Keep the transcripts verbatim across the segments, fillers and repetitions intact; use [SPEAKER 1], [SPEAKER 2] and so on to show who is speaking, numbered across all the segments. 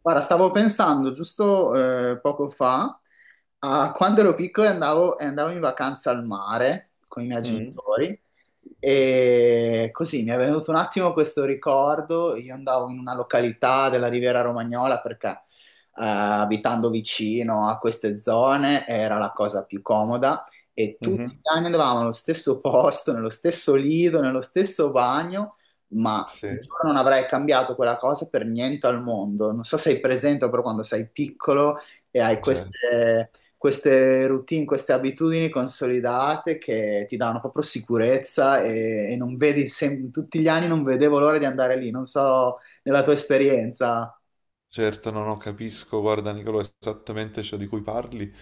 [SPEAKER 1] Guarda, stavo pensando giusto eh, poco fa a quando ero piccolo e andavo, e andavo in vacanza al mare con i miei
[SPEAKER 2] Mm.
[SPEAKER 1] genitori e così mi è venuto un attimo questo ricordo. Io andavo in una località della Riviera Romagnola perché eh, abitando vicino a queste zone era la cosa più comoda e tutti
[SPEAKER 2] Mhm.
[SPEAKER 1] gli anni andavamo allo stesso posto, nello stesso lido, nello stesso bagno. Ma
[SPEAKER 2] Sì.
[SPEAKER 1] giuro non avrei cambiato quella cosa per niente al mondo. Non so se hai presente, però quando sei piccolo e hai
[SPEAKER 2] Certo.
[SPEAKER 1] queste, queste routine, queste abitudini consolidate che ti danno proprio sicurezza e, e non vedi, sem- tutti gli anni non vedevo l'ora di andare lì. Non so, nella tua esperienza.
[SPEAKER 2] Certo, no, no, capisco, guarda Nicolò, esattamente ciò di cui parli,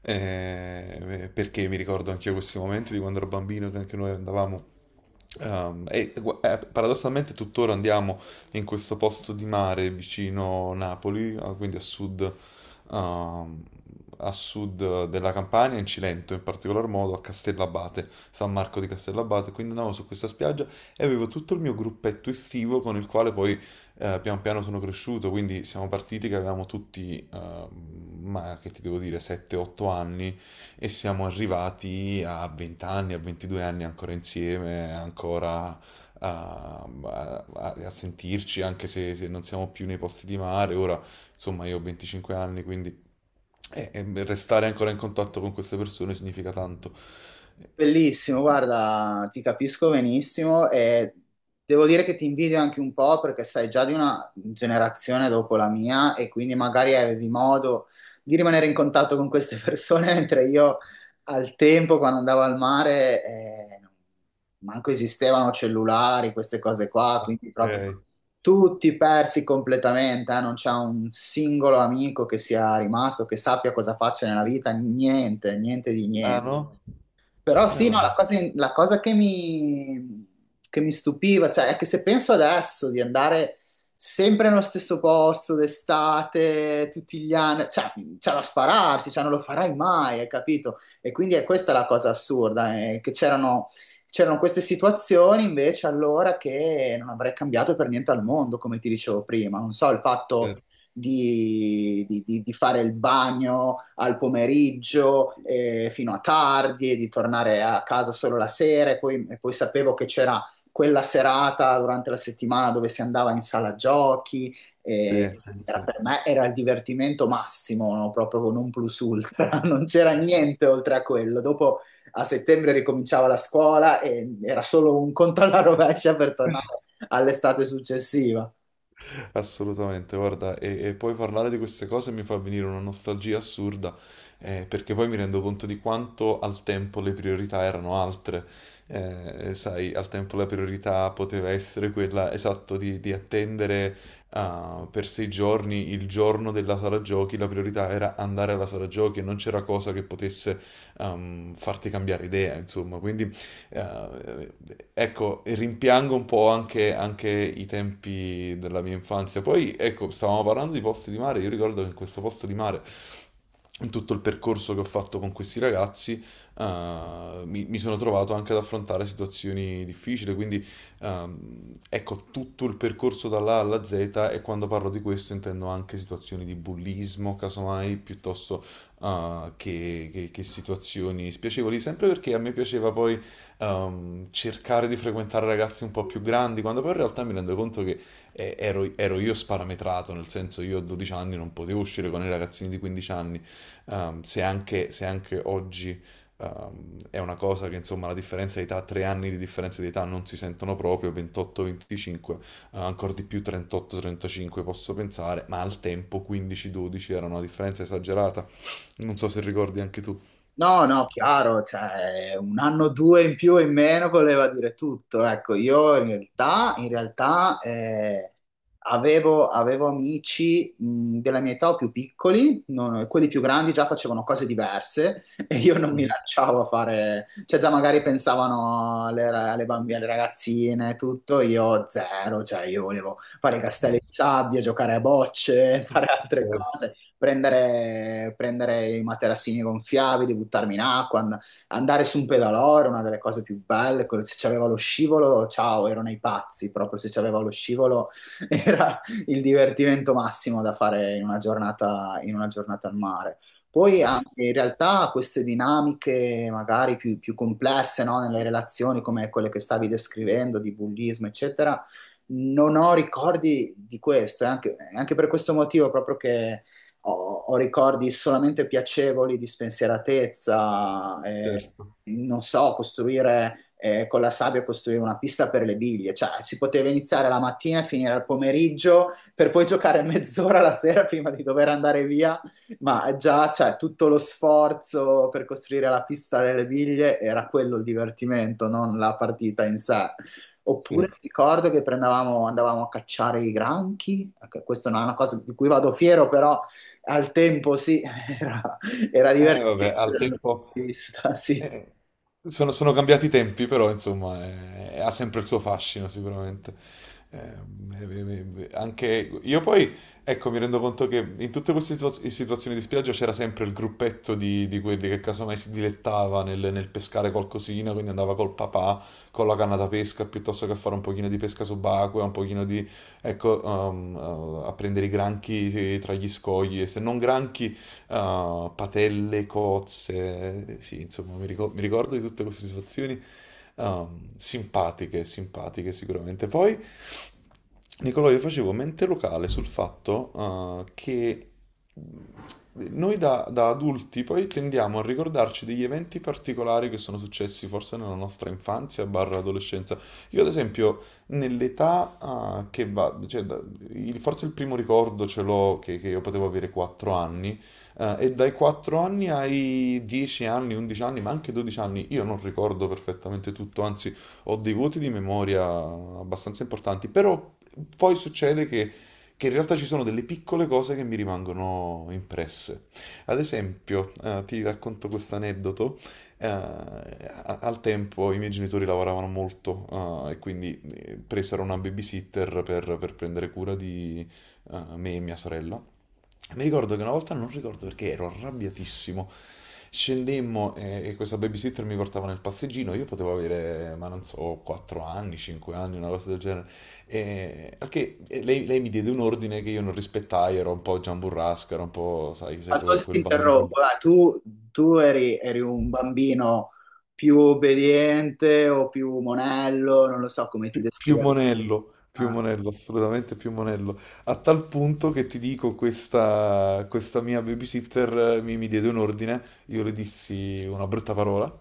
[SPEAKER 2] eh, eh, perché mi ricordo anche io questi momenti di quando ero bambino, che anche noi andavamo, ehm, e gu- eh, paradossalmente tuttora andiamo in questo posto di mare vicino Napoli, eh, quindi a sud, ehm, a sud della Campania, in Cilento in particolar modo, a Castellabate, San Marco di Castellabate, quindi andavo su questa spiaggia e avevo tutto il mio gruppetto estivo con il quale poi eh, pian piano sono cresciuto, quindi siamo partiti che avevamo tutti, eh, ma che ti devo dire, sette otto anni, e siamo arrivati a venti anni, a ventidue anni ancora insieme, ancora ehm, a, a- a sentirci, anche se, se non siamo più nei posti di mare. Ora, insomma, io ho venticinque anni, quindi eh, eh, restare ancora in contatto con queste persone significa tanto.
[SPEAKER 1] Bellissimo, guarda, ti capisco benissimo e devo dire che ti invidio anche un po' perché sei già di una generazione dopo la mia e quindi magari avevi modo di rimanere in contatto con queste persone, mentre io al tempo, quando andavo al mare, eh, manco esistevano cellulari, queste cose qua, quindi proprio
[SPEAKER 2] Ok.
[SPEAKER 1] tutti persi completamente, eh. Non c'è un singolo amico che sia rimasto, che sappia cosa faccio nella vita, niente, niente di
[SPEAKER 2] Ah,
[SPEAKER 1] niente.
[SPEAKER 2] no?
[SPEAKER 1] Però
[SPEAKER 2] Eh,
[SPEAKER 1] sì, no,
[SPEAKER 2] vabbè.
[SPEAKER 1] la cosa, la cosa che mi, che mi stupiva, cioè, è che se penso adesso di andare sempre nello stesso posto d'estate, tutti gli anni, cioè, c'è da spararsi, cioè, non lo farai mai, hai capito? E quindi è questa la cosa assurda, eh, che c'erano c'erano queste situazioni invece allora che non avrei cambiato per niente al mondo, come ti dicevo prima. Non so, il
[SPEAKER 2] Eh,
[SPEAKER 1] fatto di, di- di- di fare il bagno al pomeriggio eh, fino a tardi, di tornare a casa solo la sera e poi, e poi sapevo che c'era quella serata durante la settimana dove si andava in sala giochi. E,
[SPEAKER 2] Sì, sì,
[SPEAKER 1] era
[SPEAKER 2] sì.
[SPEAKER 1] per me era il divertimento massimo, no? Proprio con un plus ultra, non c'era niente oltre a quello. Dopo a settembre ricominciava la scuola e era solo un conto alla rovescia per tornare all'estate successiva.
[SPEAKER 2] Assolutamente, guarda, e, e poi parlare di queste cose mi fa venire una nostalgia assurda, eh, perché poi mi rendo conto di quanto al tempo le priorità erano altre. Eh, sai, al tempo la priorità poteva essere quella, esatto, di, di attendere ah, per sei giorni il giorno della sala giochi, la priorità era andare alla sala giochi e non c'era cosa che potesse ehm, farti cambiare idea, insomma, quindi eh, ecco, rimpiango un po' anche, anche i tempi della mia infanzia. Poi, ecco, stavamo parlando di posti di mare. Io ricordo che in questo posto di mare, in tutto il percorso che ho fatto con questi ragazzi, eh, mi, mi sono trovato anche ad affrontare situazioni difficili. Quindi, ehm, ecco, tutto il percorso dall'A alla Z, e quando parlo di questo intendo anche situazioni di bullismo, casomai, piuttosto eh, che, che che situazioni spiacevoli, sempre perché a me piaceva poi ehm, cercare di frequentare ragazzi un po' più grandi, quando poi in realtà mi rendo conto che eh, ero, ero io sparametrato, nel senso io a dodici anni non potevo uscire con i ragazzini di quindici anni, ehm, se anche, se anche oggi ehm, è una cosa che insomma la differenza di età, tre anni di differenza di età non si sentono proprio, ventotto a venticinque, eh, ancora di più trentotto trentacinque posso pensare, ma al tempo quindici dodici era una differenza esagerata, non so se ricordi anche tu.
[SPEAKER 1] No, no, chiaro, cioè un anno o due in più o in meno voleva dire tutto. Ecco, io in realtà, in realtà eh, avevo, avevo amici mh, della mia età o più piccoli, non- quelli più grandi già facevano cose diverse e io non mi
[SPEAKER 2] Mhm.
[SPEAKER 1] lanciavo a fare, cioè già magari pensavano alle, ra- alle bambine, alle ragazzine, e tutto, io zero, cioè io volevo fare i castelli di sabbia, giocare a bocce, fare altre
[SPEAKER 2] Certo,
[SPEAKER 1] cose, prendere, prendere i materassini gonfiabili, buttarmi in acqua, and- andare su un pedalò era una delle cose più belle. quello- Se c'aveva lo scivolo, ciao, erano i pazzi. Proprio se c'aveva lo scivolo era il divertimento massimo da fare in una giornata, in una giornata al mare. Poi anche in realtà queste dinamiche magari più, più complesse, no, nelle relazioni come quelle che stavi descrivendo, di bullismo, eccetera, non ho ricordi di questo, è anche, è anche per questo motivo proprio che ho, ho ricordi solamente piacevoli di spensieratezza, eh,
[SPEAKER 2] certo,
[SPEAKER 1] non so, costruire eh, con la sabbia, costruire una pista per le biglie, cioè si poteva iniziare la mattina e finire al pomeriggio per poi giocare mezz'ora la sera prima di dover andare via, ma già cioè, tutto lo sforzo per costruire la pista delle biglie era quello il divertimento, non la partita in sé.
[SPEAKER 2] sì.
[SPEAKER 1] Oppure mi ricordo che prendevamo- andavamo a cacciare i granchi, ecco, questa non è una cosa di cui vado fiero, però al tempo sì, era, era
[SPEAKER 2] Eh, vabbè,
[SPEAKER 1] divertente
[SPEAKER 2] al
[SPEAKER 1] dal mio punto
[SPEAKER 2] tempo,
[SPEAKER 1] di vista, sì.
[SPEAKER 2] eh, sono, sono cambiati i tempi, però insomma eh, ha sempre il suo fascino sicuramente. Eh, eh, eh, eh, eh, anche io poi, ecco, mi rendo conto che in tutte queste situa- situazioni di spiaggia c'era sempre il gruppetto di, di quelli che casomai si dilettava nel, nel pescare qualcosina, quindi andava col papà con la canna da pesca piuttosto che a fare un pochino di pesca subacquea, un pochino di, ecco, um, uh, a prendere i granchi eh, tra gli scogli e se non granchi, uh, patelle, cozze, sì, insomma, mi ricor- mi ricordo, di tutte queste situazioni um, simpatiche, simpatiche sicuramente. Poi, Nicolò, io facevo mente locale sul fatto uh, che noi da, da adulti poi tendiamo a ricordarci degli eventi particolari che sono successi forse nella nostra infanzia barra adolescenza. Io ad esempio nell'età ah, che va, cioè, da- il- forse il primo ricordo ce l'ho che, che io potevo avere quattro anni, eh, e dai quattro anni ai dieci anni, undici anni, ma anche dodici anni, io non ricordo perfettamente tutto, anzi ho dei voti di memoria abbastanza importanti, però poi succede che, che in realtà ci sono delle piccole cose che mi rimangono impresse. Ad esempio, eh, ti racconto questo aneddoto. Eh, a- al tempo i miei genitori lavoravano molto, eh, e quindi eh, presero una babysitter per, per prendere cura di eh, me e mia sorella. Mi ricordo che una volta, non ricordo perché, ero arrabbiatissimo. Scendemmo, eh, e questa babysitter mi portava nel passeggino, io potevo avere, ma non so, quattro anni, cinque anni, una cosa del genere. E, al che e lei, lei, mi diede un ordine che io non rispettai, ero un po' giamburrasca, ero un po', sai, sai,
[SPEAKER 1] Ma
[SPEAKER 2] quel
[SPEAKER 1] scusa,
[SPEAKER 2] quel
[SPEAKER 1] ti
[SPEAKER 2] bambino lì.
[SPEAKER 1] interrompo, dai, tu, tu eri, eri un bambino più obbediente o più monello, non lo so come ti
[SPEAKER 2] Pi- Più
[SPEAKER 1] descrivo.
[SPEAKER 2] monello, più monello, assolutamente più monello. A tal punto che ti dico, questa, questa mia babysitter eh, mi, mi diede un ordine, io le dissi una brutta parola,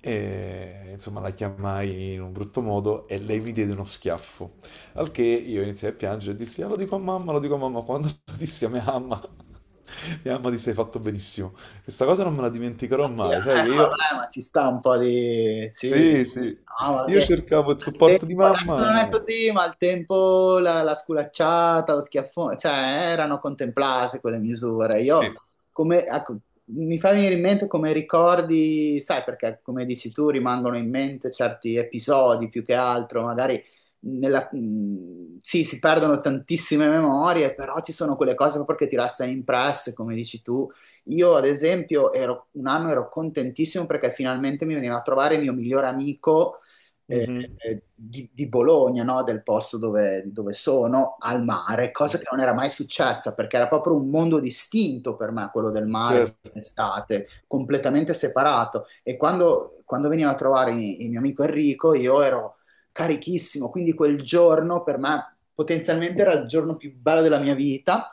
[SPEAKER 2] e insomma la chiamai in un brutto modo e lei mi diede uno schiaffo. Al che io iniziai a piangere e dissi, "Ah, lo dico a mamma, lo dico a mamma." Quando lo dissi a mia mamma, mia mamma disse, hai fatto benissimo. Questa cosa non me la dimenticherò
[SPEAKER 1] Eh,
[SPEAKER 2] mai, sai che io...
[SPEAKER 1] vabbè, ma ci sta un po' di... Sì,
[SPEAKER 2] Sì, sì.
[SPEAKER 1] no, ma
[SPEAKER 2] Io
[SPEAKER 1] che...
[SPEAKER 2] cercavo il
[SPEAKER 1] al tempo,
[SPEAKER 2] supporto di
[SPEAKER 1] adesso
[SPEAKER 2] mamma.
[SPEAKER 1] non è
[SPEAKER 2] e-
[SPEAKER 1] così, ma al tempo la, la sculacciata, lo schiaffone, cioè erano contemplate quelle misure. Io,
[SPEAKER 2] Sì.
[SPEAKER 1] come, ecco, mi fa venire in mente come ricordi, sai, perché come dici tu rimangono in mente certi episodi più che altro, magari nella- mh, sì, si perdono tantissime memorie, però ci sono quelle cose proprio che ti restano impresse, come dici tu. Io, ad esempio, ero- un anno ero contentissimo perché finalmente mi veniva a trovare il mio migliore amico eh,
[SPEAKER 2] Mhm.
[SPEAKER 1] eh, di, di Bologna, no? Del posto dove, dove sono, al mare, cosa che non era mai successa perché era proprio un mondo distinto per me, quello del mare.
[SPEAKER 2] Certo.
[SPEAKER 1] Estate, completamente separato e quando, quando veniva a trovare il il mio amico Enrico io ero carichissimo, quindi quel giorno per me potenzialmente era il giorno più bello della mia vita.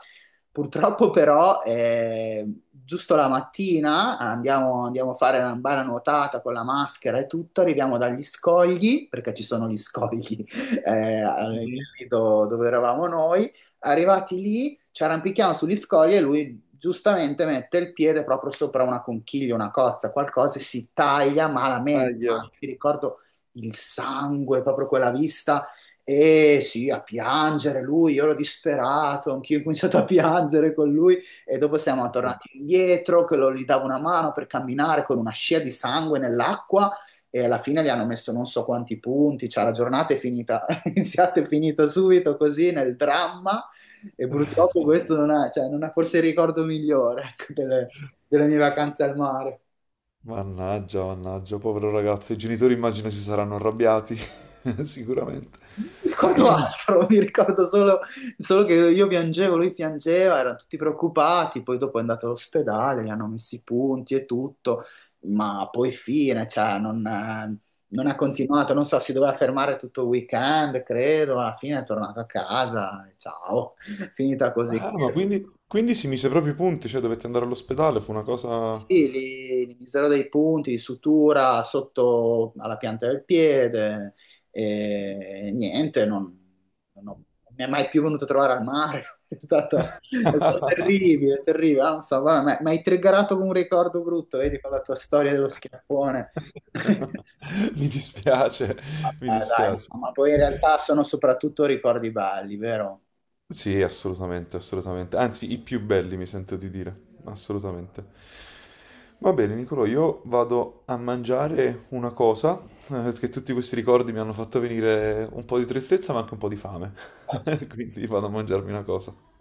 [SPEAKER 1] Purtroppo però, eh, giusto la mattina andiamo, andiamo a fare una bella nuotata con la maschera e tutto, arriviamo dagli scogli, perché ci sono gli scogli eh, al-
[SPEAKER 2] Mhm.
[SPEAKER 1] lì do- dove eravamo noi, arrivati lì ci arrampichiamo sugli scogli e lui giustamente mette il piede proprio sopra una conchiglia, una cozza, qualcosa e si taglia malamente.
[SPEAKER 2] Aia,
[SPEAKER 1] Ah, mi ricordo il sangue, proprio quella vista e sì, a piangere lui, io ero disperato, anch'io ho cominciato a piangere con lui e dopo siamo
[SPEAKER 2] aia.
[SPEAKER 1] tornati indietro, che lo- gli davo una mano per camminare con una scia di sangue nell'acqua e alla fine gli hanno messo non so quanti punti, cioè la giornata è finita, è iniziata e finita subito così nel dramma e purtroppo questo non è, cioè, non è forse il ricordo migliore ecco, delle delle mie vacanze al mare.
[SPEAKER 2] Mannaggia, mannaggia, povero ragazzo. I genitori immagino si saranno arrabbiati, sicuramente.
[SPEAKER 1] Mi ricordo altro, mi ricordo solo, solo che io piangevo, lui piangeva, erano tutti preoccupati, poi dopo è andato all'ospedale, gli hanno messo i punti e tutto, ma poi fine, cioè non, eh, non ha continuato, non so, si doveva fermare tutto il weekend, credo, alla fine è tornato a casa, ciao, finita così.
[SPEAKER 2] Ah, ma quindi, quindi si mise proprio i punti, cioè dovette andare all'ospedale, fu una cosa...
[SPEAKER 1] Sì, li, li miserò dei punti di sutura sotto alla pianta del piede e niente, non, non ho- non mi è mai più venuto a trovare al mare. È stata, è stato terribile, terribile. Ah, non so, guarda, mi mi hai triggerato con un ricordo brutto, vedi, con la tua storia dello schiaffone. Vabbè,
[SPEAKER 2] Mi dispiace, mi
[SPEAKER 1] dai,
[SPEAKER 2] dispiace.
[SPEAKER 1] no, ma poi in realtà sono soprattutto ricordi belli, vero?
[SPEAKER 2] Sì, assolutamente, assolutamente. Anzi, i più belli, mi sento di dire. Assolutamente. Va bene, Nicolò, io vado a mangiare una cosa, eh, che tutti questi ricordi mi hanno fatto venire un po' di tristezza, ma anche un po' di fame. Quindi vado a mangiarmi una cosa.